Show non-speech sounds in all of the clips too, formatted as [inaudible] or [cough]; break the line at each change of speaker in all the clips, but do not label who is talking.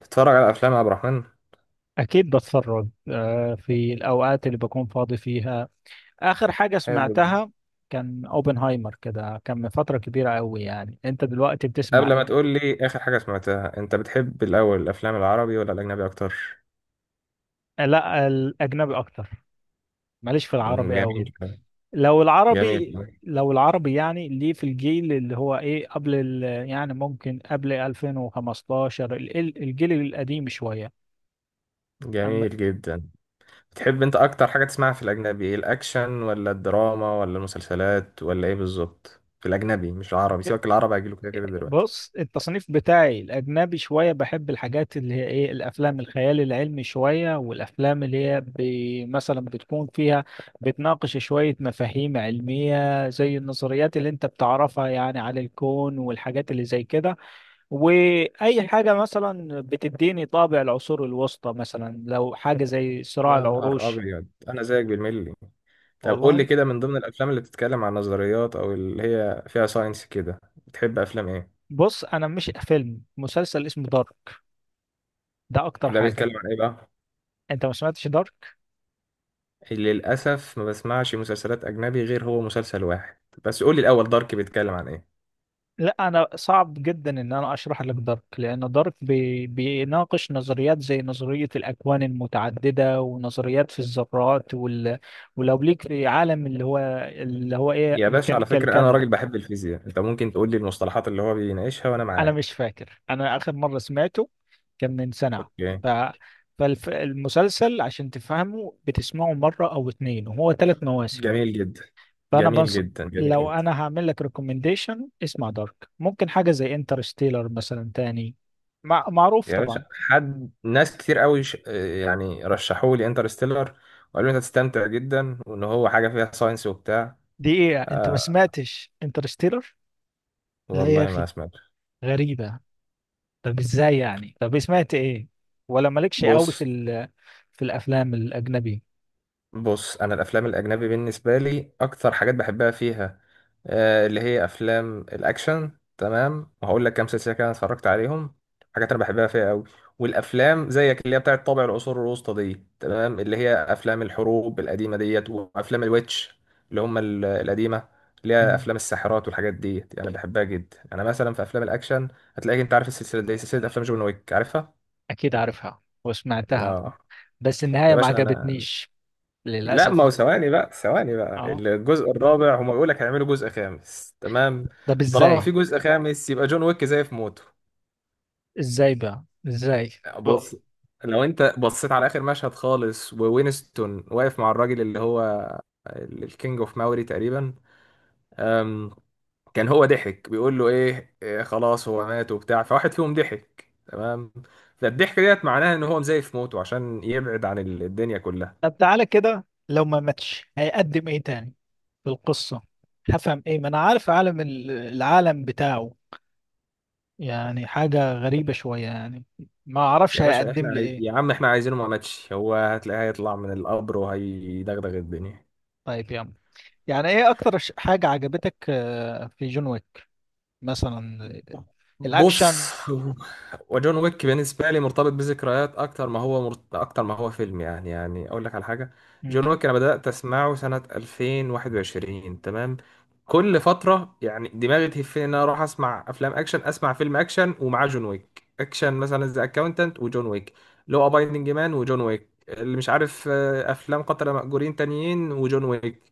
تتفرج على افلام يا عبد الرحمن.
أكيد بتفرج في الأوقات اللي بكون فاضي فيها. آخر حاجة
حلو جدا.
سمعتها كان أوبنهايمر، كده كان من فترة كبيرة أوي. يعني أنت دلوقتي بتسمع
قبل ما
إيه؟
تقول لي اخر حاجه سمعتها، انت بتحب الاول الافلام العربي ولا الاجنبي اكتر؟
آه، لا الأجنبي أكتر. ماليش في
مم،
العربي أوي.
جميل.
لو
جميل.
العربي لو العربي يعني، ليه في الجيل اللي هو إيه يعني ممكن قبل 2015، الجيل القديم شوية. أما.
جميل جدا. بتحب انت اكتر حاجه تسمعها في الاجنبي ايه؟ الاكشن ولا الدراما ولا المسلسلات ولا ايه بالظبط في الاجنبي، مش العربي، سيبك العربي هيجيله كده كده دلوقتي.
بص، التصنيف بتاعي الأجنبي شوية، بحب الحاجات اللي هي إيه الأفلام الخيال العلمي شوية، والأفلام اللي هي مثلا بتكون فيها، بتناقش شوية مفاهيم علمية زي النظريات اللي أنت بتعرفها يعني على الكون والحاجات اللي زي كده. وأي حاجة مثلا بتديني طابع العصور الوسطى، مثلا لو حاجة زي صراع
يا نهار
العروش.
ابيض، انا زيك بالملي. طب قول لي
والله،
كده، من ضمن الافلام اللي بتتكلم عن نظريات او اللي هي فيها ساينس كده، بتحب افلام ايه؟
بص، أنا مش فيلم، مسلسل اسمه دارك. ده أكتر
ده
حاجة.
بيتكلم عن ايه بقى؟
أنت ما سمعتش دارك؟
للأسف ما بسمعش مسلسلات أجنبي غير هو مسلسل واحد. بس قولي الأول، دارك بيتكلم عن إيه؟
لا، انا صعب جدا ان انا اشرح لك دارك، لان دارك بيناقش نظريات زي نظريه الاكوان المتعدده، ونظريات في الذرات ولو ليك في عالم اللي هو ايه،
يا باشا، على
ميكانيكا
فكرة أنا
الكم.
راجل بحب الفيزياء، أنت ممكن تقولي المصطلحات اللي هو بيناقشها وأنا
انا
معاه.
مش فاكر، انا اخر مره سمعته كان من سنه.
أوكي.
ف فالمسلسل عشان تفهمه بتسمعه مره او اتنين، وهو ثلاث مواسم.
جميل جدا،
فانا
جميل
بنص...
جدا، جميل
لو
جدا.
انا هعمل لك ريكومنديشن اسمع دارك، ممكن حاجه زي انترستيلر مثلا تاني، معروف
يا
طبعا.
باشا، حد ناس كتير قوي يعني رشحوا لي انترستيلر، وقالوا لي أنت هتستمتع جدا، وإن هو حاجة فيها ساينس وبتاع.
دي ايه يعني؟ انت ما
آه،
سمعتش انترستيلر؟ لا يا
والله ما
اخي،
سمعت.
غريبه. طب ازاي يعني، طب سمعت ايه، ولا مالكش قوي
بص
في الافلام الاجنبي.
بص انا الافلام الاجنبي بالنسبه لي اكتر حاجات بحبها فيها، آه، اللي هي افلام الاكشن. تمام، وهقول لك كام سلسله كده أنا اتفرجت عليهم، حاجات انا بحبها فيها قوي. والافلام زيك اللي هي بتاعه طابع العصور الوسطى دي، تمام، اللي هي افلام الحروب القديمه ديت وافلام الويتش، اللي هم القديمه، اللي هي
مم.
افلام الساحرات والحاجات ديت، انا بحبها جدا. انا مثلا في افلام الاكشن هتلاقيك، انت عارف السلسله دي، سلسله افلام جون ويك، عارفها؟
اكيد عارفها وسمعتها،
لا
بس النهايه
يا
ما
باشا انا،
عجبتنيش
لا،
للاسف.
ما هو ثواني بقى، ثواني بقى،
اه.
الجزء الرابع هما بيقول لك هيعملوا جزء خامس، تمام؟
طب
طالما في
ازاي،
جزء خامس يبقى جون ويك زي في موته.
ازاي بقى ازاي؟
بص، لو انت بصيت على اخر مشهد خالص، ووينستون واقف مع الراجل اللي هو الكينج اوف ماوري تقريبا، أم، كان هو ضحك بيقول له ايه، إيه، خلاص هو مات وبتاع، فواحد فيهم ضحك، تمام. فالضحك ديت معناها ان هو مزيف موته عشان يبعد عن الدنيا كلها.
طب تعالى كده، لو ما ماتش هيقدم ايه تاني في القصة؟ هفهم ايه؟ ما انا عارف عالم العالم بتاعه، يعني حاجة غريبة شوية يعني. ما اعرفش
يا باشا احنا
هيقدم لي ايه.
يا عم احنا عايزينه ما ماتش، هو هتلاقيه هيطلع من القبر وهيدغدغ الدنيا.
طيب يا عم، يعني ايه اكتر حاجة عجبتك في جون ويك مثلا؟ الاكشن.
بص، وجون ويك بالنسبه لي مرتبط بذكريات اكتر ما هو اكتر ما هو فيلم، يعني يعني اقول لك على حاجه،
مم.
جون ويك انا بدات اسمعه سنه 2021، تمام. كل فتره يعني دماغي تهفني ان انا اروح اسمع افلام اكشن، اسمع فيلم اكشن ومعاه جون ويك، اكشن مثلا ذا اكاونتنت وجون ويك، لو ابايندنج مان وجون ويك، اللي مش عارف آه، افلام قتله مأجورين تانيين وجون ويك،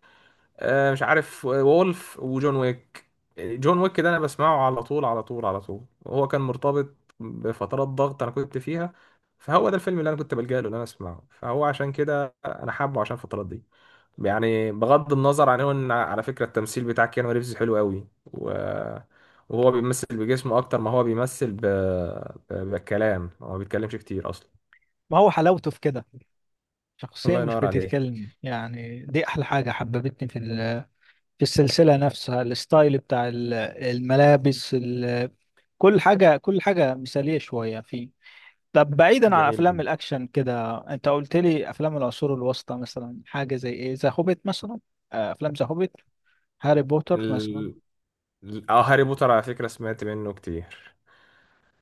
آه، مش عارف وولف وجون ويك. جون ويك ده انا بسمعه على طول على طول على طول، وهو كان مرتبط بفترات ضغط انا كنت فيها، فهو ده الفيلم اللي انا كنت بلجأ له ان انا اسمعه، فهو عشان كده انا حابه عشان الفترات دي. يعني بغض النظر عن هو، ان على فكره التمثيل بتاع كيانو ريفز حلو قوي، و- وهو بيمثل بجسمه اكتر ما هو بيمثل بالكلام، هو ما بيتكلمش كتير اصلا.
ما هو حلاوته في كده، شخصية
الله
مش
ينور عليه.
بتتكلم يعني، دي احلى حاجة حببتني في السلسلة نفسها. الستايل بتاع الملابس، كل حاجة كل حاجة مثالية شوية فيه. طب بعيدا عن
جميل
أفلام
جدا.
الأكشن كده، أنت قلت لي أفلام العصور الوسطى، مثلا حاجة زي إيه، ذا هوبيت مثلا؟ آه، أفلام ذا هوبيت، هاري بوتر مثلا.
ال... هاري بوتر على فكره سمعت منه كتير.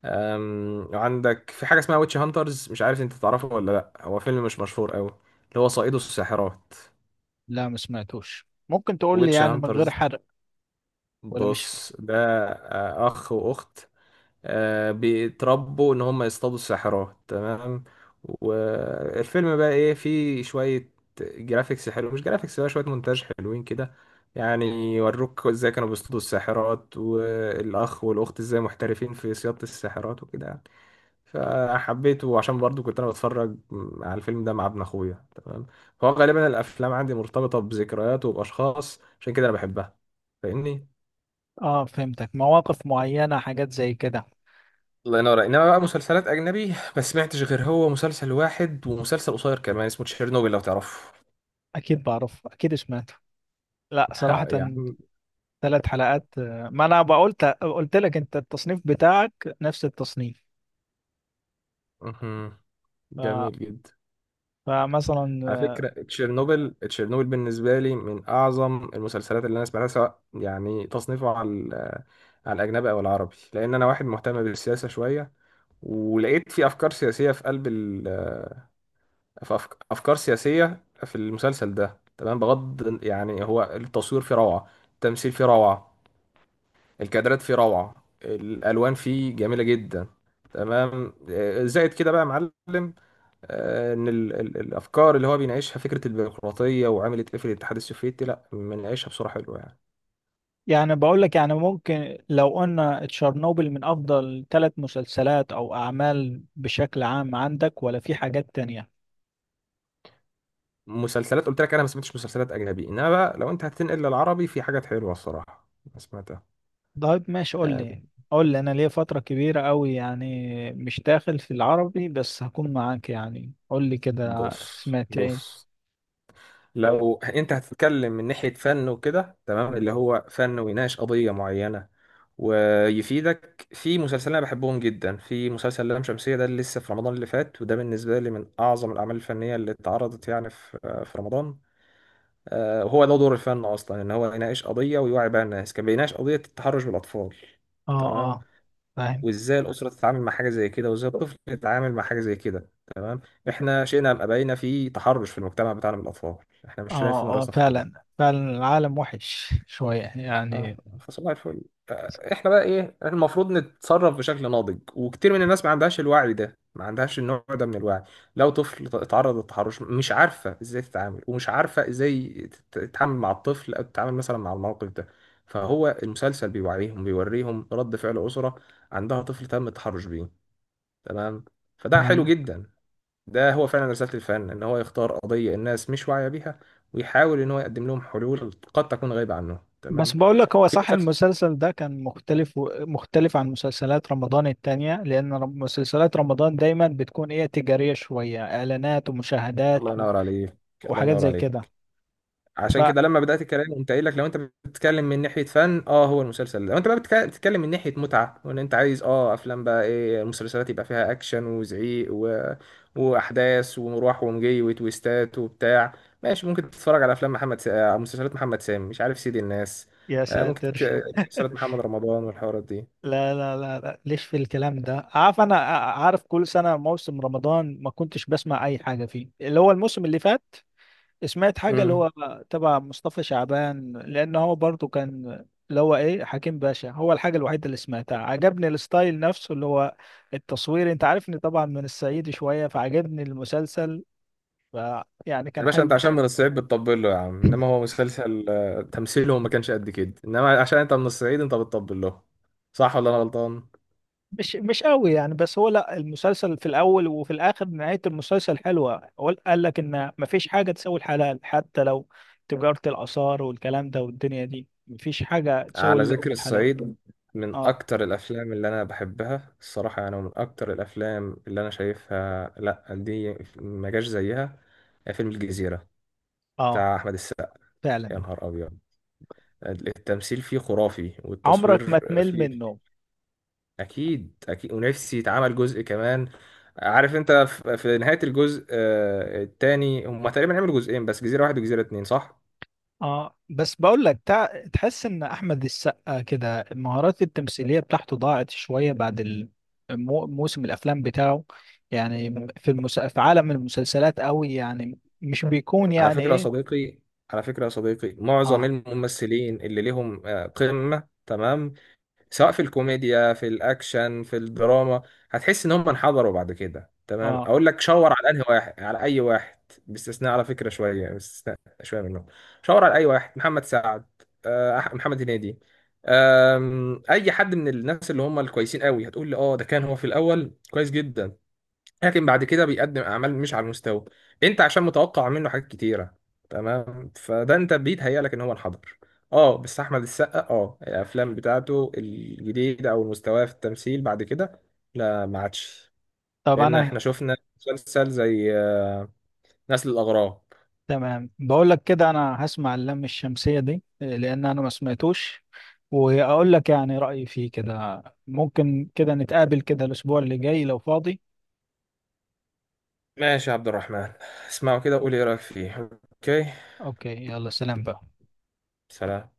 أم، وعندك في حاجة اسمها ويتش هانترز، مش عارف انت تعرفه ولا لأ، هو فيلم مش مشهور قوي، اللي هو صائده الساحرات.
لا، ما سمعتوش، ممكن تقول لي
ويتش
يعني من غير
هانترز،
حرق؟ ولا مش.
بص ده آه، أخ وأخت، آه، بيتربوا إن هم يصطادوا الساحرات، تمام. والفيلم بقى إيه، فيه شوية جرافيكس حلو، مش جرافيكس بقى، شوية مونتاج حلوين كده، يعني يوروك ازاي كانوا بيصطادوا الساحرات، والأخ والأخت ازاي محترفين في صيادة الساحرات وكده. فحبيته عشان برضو كنت انا بتفرج على الفيلم ده مع ابن اخويا، تمام. فهو غالبا الافلام عندي مرتبطه بذكريات وباشخاص، عشان كده انا بحبها، فاهمني؟
آه، فهمتك، مواقف معينة، حاجات زي كده.
الله ينور. انما بقى مسلسلات اجنبي ما سمعتش غير هو مسلسل واحد، ومسلسل قصير كمان اسمه تشيرنوبل، لو تعرفه.
أكيد بعرف، أكيد سمعته. لا
[laughs]
صراحة،
يعني
ثلاث حلقات. ما انا قلت لك انت التصنيف بتاعك نفس التصنيف.
مهم.
ف...
جميل جدا.
فمثلا،
على فكرة تشيرنوبل، تشيرنوبل بالنسبة لي من أعظم المسلسلات اللي أنا سمعتها، سواء يعني تصنيفه على على الأجنبي أو العربي، لأن أنا واحد مهتم بالسياسة شوية، ولقيت في افكار سياسيه في قلب افكار سياسيه في المسلسل ده، تمام، بغض يعني، هو التصوير فيه روعه، التمثيل فيه روعه، الكادرات فيه روعه، الالوان فيه جميله جدا، تمام، آه، زائد كده بقى يا معلم، آه، ان الافكار اللي هو بيناقشها، فكره البيروقراطيه وعملت ايه في الاتحاد السوفيتي، لا بناقشها بصوره حلوه يعني.
يعني بقول لك يعني ممكن لو قلنا تشيرنوبل من افضل ثلاث مسلسلات او اعمال بشكل عام عندك، ولا في حاجات تانية؟
مسلسلات قلت لك انا ما سمعتش مسلسلات اجنبي، انما بقى لو انت هتنقل للعربي في حاجات حلوه الصراحه ما سمعتها.
طيب ماشي، قول لي
آه،
يعني. قول لي، انا ليا فترة كبيرة قوي يعني مش داخل في العربي، بس هكون معاك، يعني قول لي كده
بص
سمعت ايه.
بص لو انت هتتكلم من ناحية فن وكده، تمام، اللي هو فن ويناقش قضية معينة ويفيدك، في مسلسلين انا بحبهم جدا، في مسلسل لام شمسية ده اللي لسه في رمضان اللي فات، وده بالنسبة لي من اعظم الاعمال الفنية اللي اتعرضت يعني في في رمضان، آه، وهو ده دور الفن اصلا، ان هو يناقش قضية ويوعي بقى الناس. كان بيناقش قضية التحرش بالاطفال،
اه،
تمام،
اه، فاهم.
وازاي الاسرة تتعامل مع حاجة زي كده، وازاي الطفل يتعامل مع حاجة زي كده. احنا شئنا ام ابينا في تحرش في المجتمع بتاعنا من الاطفال، احنا مش شايفين
اه، اه،
راسنا في التراب.
فعلا فعلا، العالم وحش شوية
اه،
يعني.
فصباح الفل. آه، احنا بقى ايه، احنا المفروض نتصرف بشكل ناضج، وكتير من الناس ما عندهاش الوعي ده، ما عندهاش النوع ده من الوعي. لو طفل اتعرض للتحرش، مش عارفه ازاي تتعامل، ومش عارفه ازاي تتعامل مع الطفل، او تتعامل مثلا مع الموقف ده. فهو المسلسل بيوعيهم، بيوريهم رد فعل اسره عندها طفل تم التحرش بيه، تمام، فده حلو
تمام.
جدا. ده هو فعلا رسالة الفن، ان هو يختار قضية الناس مش واعية بيها، ويحاول ان هو يقدم لهم حلول قد تكون غايبة عنهم،
بس
تمام.
بقول لك هو
في
صح،
مسلسل،
المسلسل ده كان مختلف، مختلف عن مسلسلات رمضان التانية، لأن مسلسلات رمضان دايما بتكون إيه، تجارية شوية، إعلانات ومشاهدات
الله ينور عليك، الله
وحاجات
ينور
زي كده.
عليك. عشان
ف
كده لما بدأت الكلام قمت قايل لك لو انت بتتكلم من ناحية فن، اه، هو المسلسل ده. لو انت بقى بتتكلم من ناحية متعة، وان انت عايز اه افلام بقى ايه، مسلسلات يبقى فيها اكشن وزعيق و... واحداث ومروح ومجي وتويستات وبتاع، ماشي، ممكن تتفرج على افلام آه، مسلسلات محمد سامي، مش عارف سيد الناس،
يا
آه،
ساتر [laughs]
مسلسلات محمد رمضان والحوارات دي.
لا لا لا لا، ليش في الكلام ده، عارف أنا، عارف كل سنة موسم رمضان ما كنتش بسمع أي حاجة فيه، اللي هو الموسم اللي فات سمعت حاجة اللي
امم.
هو تبع مصطفى شعبان، لأن هو برضو كان اللي هو إيه حكيم باشا، هو الحاجة الوحيدة اللي سمعتها. عجبني الستايل نفسه اللي هو التصوير، أنت عارفني طبعا من الصعيد شوية، فعجبني المسلسل. ف يعني
يا
كان
باشا
حلو.
انت عشان من الصعيد بتطبل له يا عم، انما هو مسلسل آه، تمثيله ما كانش قد كده، انما عشان انت من الصعيد انت بتطبل له، صح ولا انا غلطان؟
مش قوي يعني، بس هو لا المسلسل في الأول وفي الآخر، نهاية المسلسل حلوة، هو قال لك إن مفيش حاجة تساوي الحلال، حتى لو تجارة الآثار والكلام ده، والدنيا دي مفيش حاجة تساوي
على ذكر
اللقمة الحلال.
الصعيد، من
اه،
أكتر الأفلام اللي أنا بحبها الصراحة، يعني من أكتر الأفلام اللي أنا شايفها، لأ دي ما جاش زيها، فيلم الجزيرة
اه،
بتاع أحمد السقا.
فعلا.
يا نهار أبيض، التمثيل فيه خرافي والتصوير
عمرك ما تمل
فيه.
منه.
أكيد أكيد، ونفسي يتعمل جزء كمان. عارف أنت في في نهاية الجزء آه، التاني، هما تقريبا عملوا جزئين بس، جزيرة واحد وجزيرة اتنين، صح؟
اه، بس بقول لك تحس ان احمد السقا كده المهارات التمثيليه بتاعته ضاعت شويه بعد موسم الافلام بتاعه. يعني في عالم المسلسلات قوي يعني، مش بيكون
على
يعني
فكرة يا
ايه.
صديقي، على فكرة يا صديقي، معظم
اه،
الممثلين اللي لهم آه، قمة، تمام، سواء في الكوميديا في الأكشن في الدراما، هتحس إن هم انحدروا بعد كده، تمام،
اه.
أقول لك شاور على أنهي واحد، على أي واحد، باستثناء على فكرة شوية، باستثناء شوية منهم. شاور على أي واحد، محمد سعد، آه، محمد هنيدي، آم، أي حد من الناس اللي هم الكويسين قوي، هتقول لي أه ده كان هو في الأول كويس جدا، لكن بعد كده بيقدم اعمال مش على المستوى. انت عشان متوقع منه حاجات كتيره، تمام، فده انت بيتهيأ لك ان هو انحدر. اه، بس احمد السقا، اه، الافلام بتاعته الجديده او مستواه في التمثيل بعد كده، لا ما عادش،
طب
لان احنا
انا.
شفنا مسلسل زي آه، نسل الاغراب.
تمام، بقول لك كده انا هسمع اللم الشمسيه دي لان انا ما سمعتوش، واقول لك يعني رايي فيه كده. ممكن كده نتقابل كده الاسبوع اللي جاي لو فاضي.
ماشي يا عبد الرحمن، اسمعوا كده وقولي ايه رايك فيه. اوكي.
اوكي، يلا سلام بقى.
سلام.